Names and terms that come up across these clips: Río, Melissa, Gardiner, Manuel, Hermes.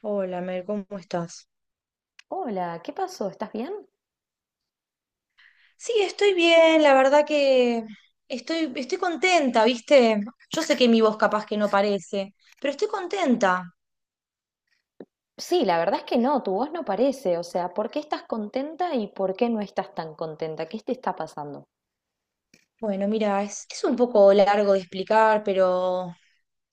Hola, Mel, ¿cómo estás? Hola, ¿qué pasó? ¿Estás bien? Sí, estoy bien, la verdad que estoy contenta, ¿viste? Yo sé que mi voz capaz que no parece, pero estoy contenta. Sí, la verdad es que no, tu voz no parece. O sea, ¿por qué estás contenta y por qué no estás tan contenta? ¿Qué te está pasando? Bueno, mira, es un poco largo de explicar, pero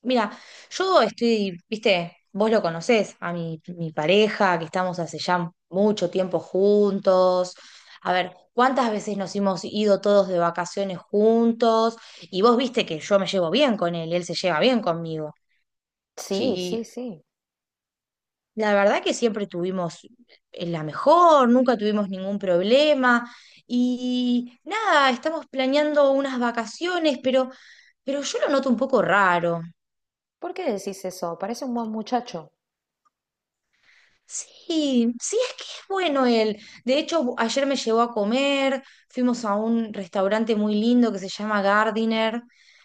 mira, yo estoy, ¿viste? Vos lo conocés, a mi pareja, que estamos hace ya mucho tiempo juntos. A ver, ¿cuántas veces nos hemos ido todos de vacaciones juntos? Y vos viste que yo me llevo bien con él, él se lleva bien conmigo. Sí, sí, Sí, sí. la verdad que siempre tuvimos la mejor, nunca tuvimos ningún problema y nada, estamos planeando unas vacaciones, pero yo lo noto un poco raro. ¿Por qué decís eso? Parece un buen muchacho. Sí, sí, es que es bueno él. De hecho, ayer me llevó a comer, fuimos a un restaurante muy lindo que se llama Gardiner,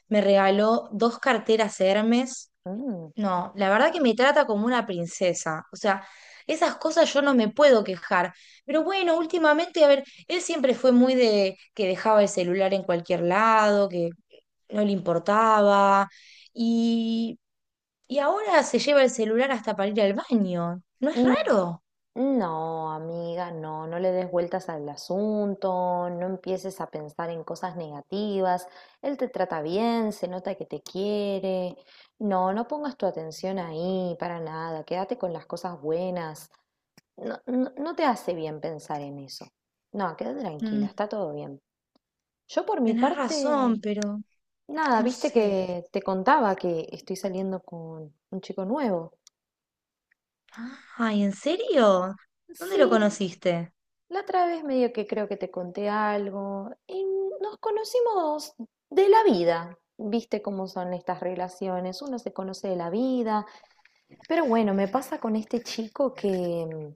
me regaló dos carteras Hermes. Mm, No, la verdad que me trata como una princesa. O sea, esas cosas yo no me puedo quejar. Pero bueno, últimamente, a ver, él siempre fue muy de que dejaba el celular en cualquier lado, que no le importaba. Y, y ahora se lleva el celular hasta para ir al baño. ¿No es mm. raro? No, amiga, no, no le des vueltas al asunto, no empieces a pensar en cosas negativas. Él te trata bien, se nota que te quiere. No, no pongas tu atención ahí, para nada, quédate con las cosas buenas. No, no, no te hace bien pensar en eso. No, quédate tranquila, Mm. está todo bien. Yo por mi Tenés parte, razón, pero nada, no viste sé. que te contaba que estoy saliendo con un chico nuevo. Ay, ¿en serio? ¿Dónde lo Sí, conociste? la otra vez medio que creo que te conté algo y nos conocimos de la vida. Viste cómo son estas relaciones, uno se conoce de la vida, pero bueno, me pasa con este chico que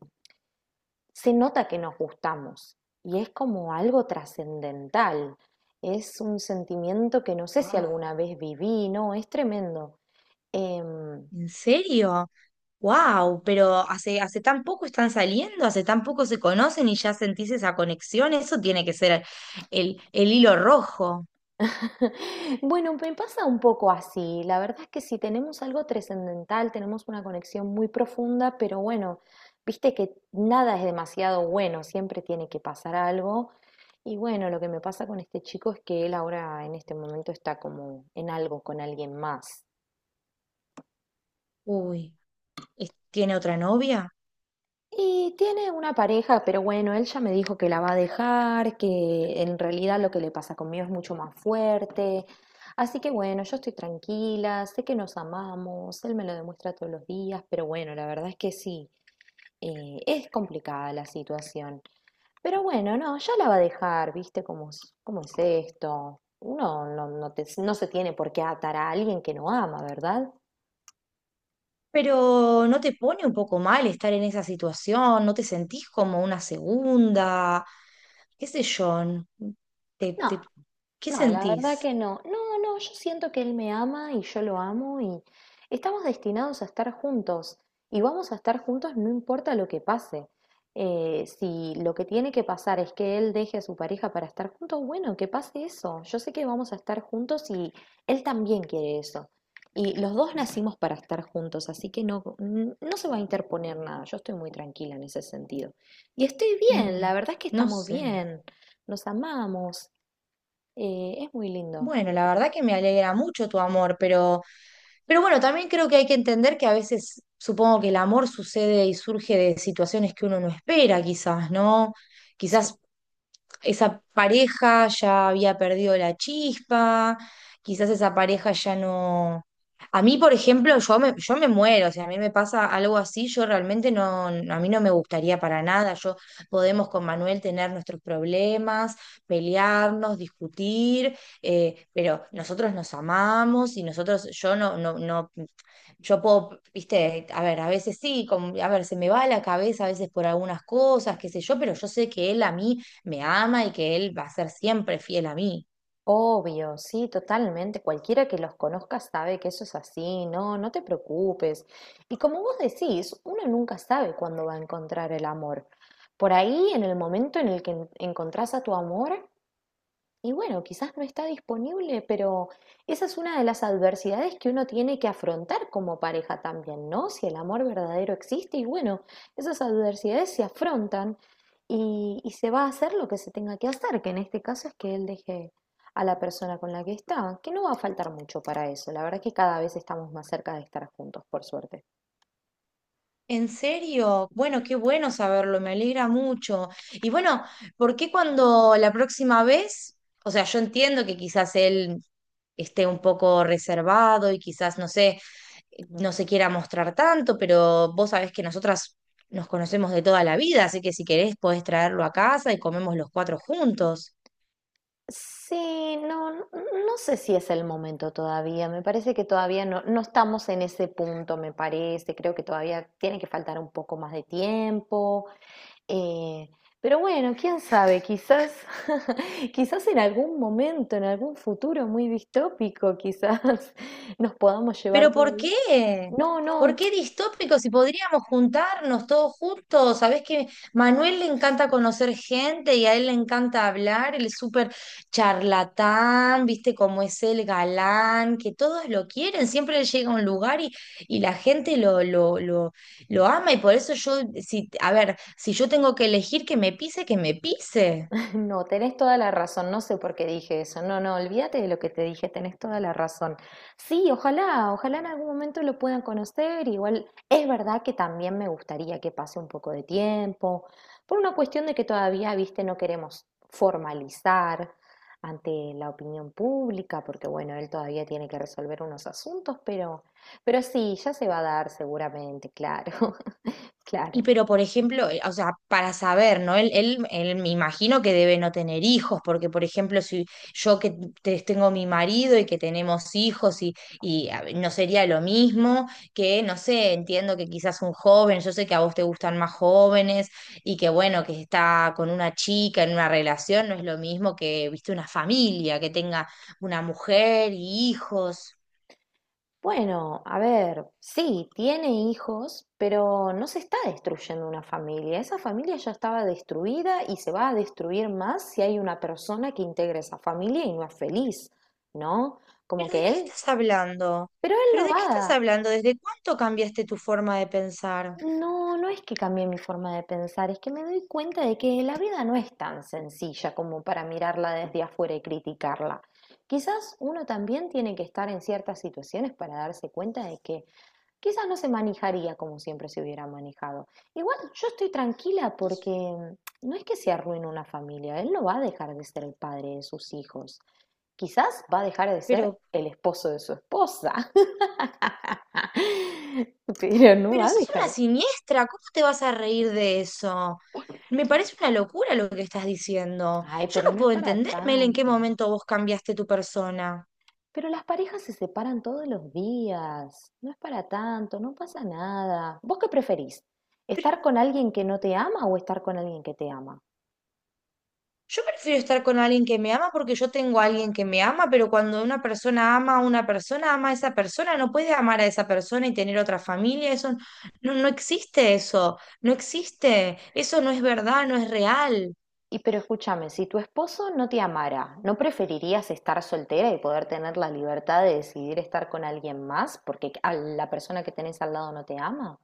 se nota que nos gustamos y es como algo trascendental. Es un sentimiento que no sé si Wow. alguna vez viví, no, es tremendo. Em, ¿En serio? Wow, pero hace tan poco están saliendo, hace tan poco se conocen y ya sentís esa conexión, eso tiene que ser el hilo rojo. bueno, me pasa un poco así. La verdad es que si tenemos algo trascendental, tenemos una conexión muy profunda, pero bueno, viste que nada es demasiado bueno, siempre tiene que pasar algo. Y bueno, lo que me pasa con este chico es que él ahora en este momento está como en algo con alguien más. Uy, ¿tiene otra novia? Y tiene una pareja, pero bueno, él ya me dijo que la va a dejar, que en realidad lo que le pasa conmigo es mucho más fuerte. Así que bueno, yo estoy tranquila, sé que nos amamos, él me lo demuestra todos los días, pero bueno, la verdad es que sí, es complicada la situación. Pero bueno, no, ya la va a dejar, ¿viste cómo, cómo es esto? Uno no, no se tiene por qué atar a alguien que no ama, ¿verdad? Pero ¿no te pone un poco mal estar en esa situación? ¿No te sentís como una segunda? ¿Qué sé yo? ¿Te, No. te- ¿qué No, la verdad sentís? que no. No, no, yo siento que él me ama y yo lo amo y estamos destinados a estar juntos y vamos a estar juntos no importa lo que pase. Si lo que tiene que pasar es que él deje a su pareja para estar juntos, bueno, que pase eso. Yo sé que vamos a estar juntos y él también quiere eso. Y los dos nacimos para estar juntos, así que no, no se va a interponer nada. Yo estoy muy tranquila en ese sentido. Y estoy bien, Mm, la verdad es que no estamos sé. bien, nos amamos. Es muy lindo Bueno, lo la que verdad tenemos. que me alegra mucho tu amor, pero bueno, también creo que hay que entender que a veces supongo que el amor sucede y surge de situaciones que uno no espera, quizás, ¿no? Sí. Quizás esa pareja ya había perdido la chispa, quizás esa pareja ya no... A mí, por ejemplo, yo me muero, o sea, a mí me pasa algo así, yo realmente no, a mí no me gustaría para nada, yo podemos con Manuel tener nuestros problemas, pelearnos, discutir, pero nosotros nos amamos y nosotros, yo no, no, no, yo puedo, viste, a ver, a veces sí, como, a ver, se me va la cabeza a veces por algunas cosas, qué sé yo, pero yo sé que él a mí me ama y que él va a ser siempre fiel a mí. Obvio, sí, totalmente. Cualquiera que los conozca sabe que eso es así, no, no te preocupes. Y como vos decís, uno nunca sabe cuándo va a encontrar el amor. Por ahí, en el momento en el que encontrás a tu amor, y bueno, quizás no está disponible, pero esa es una de las adversidades que uno tiene que afrontar como pareja también, ¿no? Si el amor verdadero existe y bueno, esas adversidades se afrontan y se va a hacer lo que se tenga que hacer, que en este caso es que él deje a la persona con la que está, que no va a faltar mucho para eso. La verdad que cada vez estamos más cerca de estar juntos, por suerte. ¿En serio? Bueno, qué bueno saberlo, me alegra mucho. Y bueno, ¿por qué cuando la próxima vez? O sea, yo entiendo que quizás él esté un poco reservado y quizás, no sé, no se quiera mostrar tanto, pero vos sabés que nosotras nos conocemos de toda la vida, así que si querés podés traerlo a casa y comemos los cuatro juntos. Sí, no, no sé si es el momento todavía. Me parece que todavía no, no estamos en ese punto, me parece. Creo que todavía tiene que faltar un poco más de tiempo. eh, pero bueno, quién sabe, quizás, quizás en algún momento, en algún futuro muy distópico, quizás nos podamos llevar ¿Pero todo por bien. qué? No, ¿Por no, qué distópico? Si podríamos juntarnos todos juntos. Sabés que Manuel le encanta conocer gente y a él le encanta hablar. Él es súper charlatán, viste cómo es el galán, que todos lo quieren. Siempre él llega a un lugar y la gente lo lo ama. Y por eso yo, si, a ver, si yo tengo que elegir que me pise, que me pise. no, tenés toda la razón, no sé por qué dije eso. No, no, olvídate de lo que te dije, tenés toda la razón. Sí, ojalá, ojalá en algún momento lo puedan conocer. Igual es verdad que también me gustaría que pase un poco de tiempo, por una cuestión de que todavía, viste, no queremos formalizar ante la opinión pública, porque bueno, él todavía tiene que resolver unos asuntos, pero sí, ya se va a dar seguramente, claro, Y claro. pero, por ejemplo, o sea, para saber, ¿no? Él me imagino que debe no tener hijos, porque, por ejemplo, si yo que tengo mi marido y que tenemos hijos y a ver, no sería lo mismo que, no sé, entiendo que quizás un joven, yo sé que a vos te gustan más jóvenes y que, bueno, que está con una chica en una relación, no es lo mismo que, viste, una familia, que tenga una mujer y hijos. Bueno, a ver, sí, tiene hijos, pero no se está destruyendo una familia. Esa familia ya estaba destruida y se va a destruir más si hay una persona que integra esa familia y no es feliz, ¿no? Como ¿Pero de que qué él, estás hablando? pero él ¿Pero lo de qué va estás a... hablando? ¿Desde cuánto cambiaste tu forma de pensar? No, no es que cambie mi forma de pensar, es que me doy cuenta de que la vida no es tan sencilla como para mirarla desde afuera y criticarla. Quizás uno también tiene que estar en ciertas situaciones para darse cuenta de que quizás no se manejaría como siempre se hubiera manejado. Igual yo estoy tranquila porque mm, no es que se arruine una familia, él no va a dejar de ser el padre de sus hijos, quizás va a dejar de ser Pero, el esposo de su esposa, pero no va pero a sos una dejar. siniestra, ¿cómo te vas a reír de eso? Me parece una locura lo que estás diciendo. Ay, Yo pero no no es puedo para entender, Mel, en qué tanto. momento vos cambiaste tu persona. Pero las parejas se separan todos los días, no es para tanto, no pasa nada. ¿Vos qué preferís? ¿Estar con alguien que no te ama o estar con alguien que te ama? Yo prefiero estar con alguien que me ama porque yo tengo a alguien que me ama, pero cuando una persona ama a una persona, ama a esa persona, no puede amar a esa persona y tener otra familia, eso no, no existe eso, no existe, eso no es verdad, no es real. Y pero escúchame, si tu esposo no te amara, ¿no preferirías estar soltera y poder tener la libertad de decidir estar con alguien más porque a la persona que tenés al lado no te ama?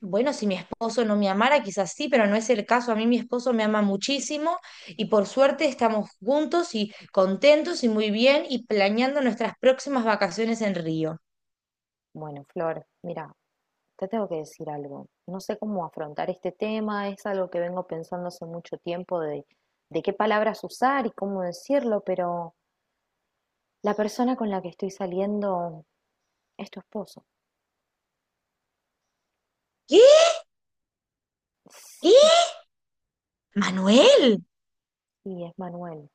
Bueno, si mi esposo no me amara, quizás sí, pero no es el caso. A mí mi esposo me ama muchísimo y por suerte estamos juntos y contentos y muy bien y planeando nuestras próximas vacaciones en Río. Bueno, Flor, mira, te tengo que decir algo. No sé cómo afrontar este tema, es algo que vengo pensando hace mucho tiempo de qué palabras usar y cómo decirlo, pero la persona con la que estoy saliendo es tu esposo. ¿Qué? ¿Qué? Sí, Manuel, sí, es Manuel.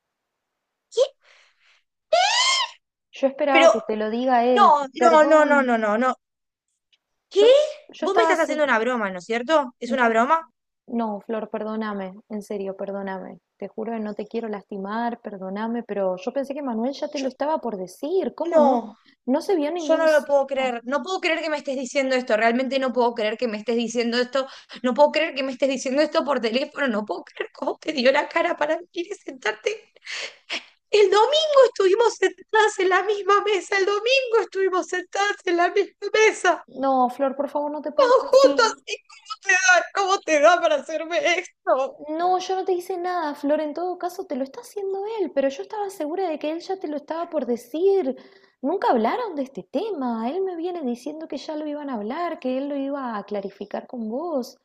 ¿qué? Yo esperaba Pero que te lo diga él, no, no, no, no, no, perdón. no, no. ¿Qué? Yo, yo Vos me estaba, estás haciendo una broma, ¿no es cierto? ¿Es no, una broma? no, Flor, perdóname, en serio, perdóname. Te juro que no te quiero lastimar, perdóname, pero yo pensé que Manuel ya te lo Yo, estaba por decir. ¿Cómo no? no, No se vio yo ningún no lo puedo signo. creer. No puedo creer que me estés diciendo esto. Realmente no puedo creer que me estés diciendo esto. No puedo creer que me estés diciendo esto por teléfono. No puedo creer cómo te dio la cara para venir y sentarte. El domingo estuvimos sentadas en la misma mesa. El domingo estuvimos sentadas en la misma mesa. No, Flor, por favor, no te Todos pongas juntos. así. ¿Y cómo te da? ¿Cómo te da para hacerme esto? No, yo no te hice nada, Flor. En todo caso, te lo está haciendo él, pero yo estaba segura de que él ya te lo estaba por decir. Nunca hablaron de este tema. Él me viene diciendo que ya lo iban a hablar, que él lo iba a clarificar con vos.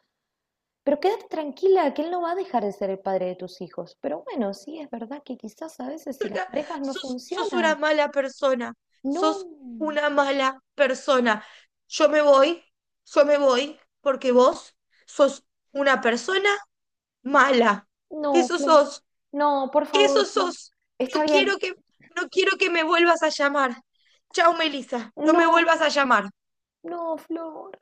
Pero quédate tranquila, que él no va a dejar de ser el padre de tus hijos. Pero bueno, sí, es verdad que quizás a veces si las Persona, parejas no sos una funcionan. mala persona, No, sos una mala persona. Yo me voy, yo me voy porque vos sos una persona mala. no, Eso Flor. sos, No, por eso favor, Flor. sos. No Está bien. quiero que, no quiero que me vuelvas a llamar. Chao, Melissa, no No, me vuelvas a llamar. no, Flor.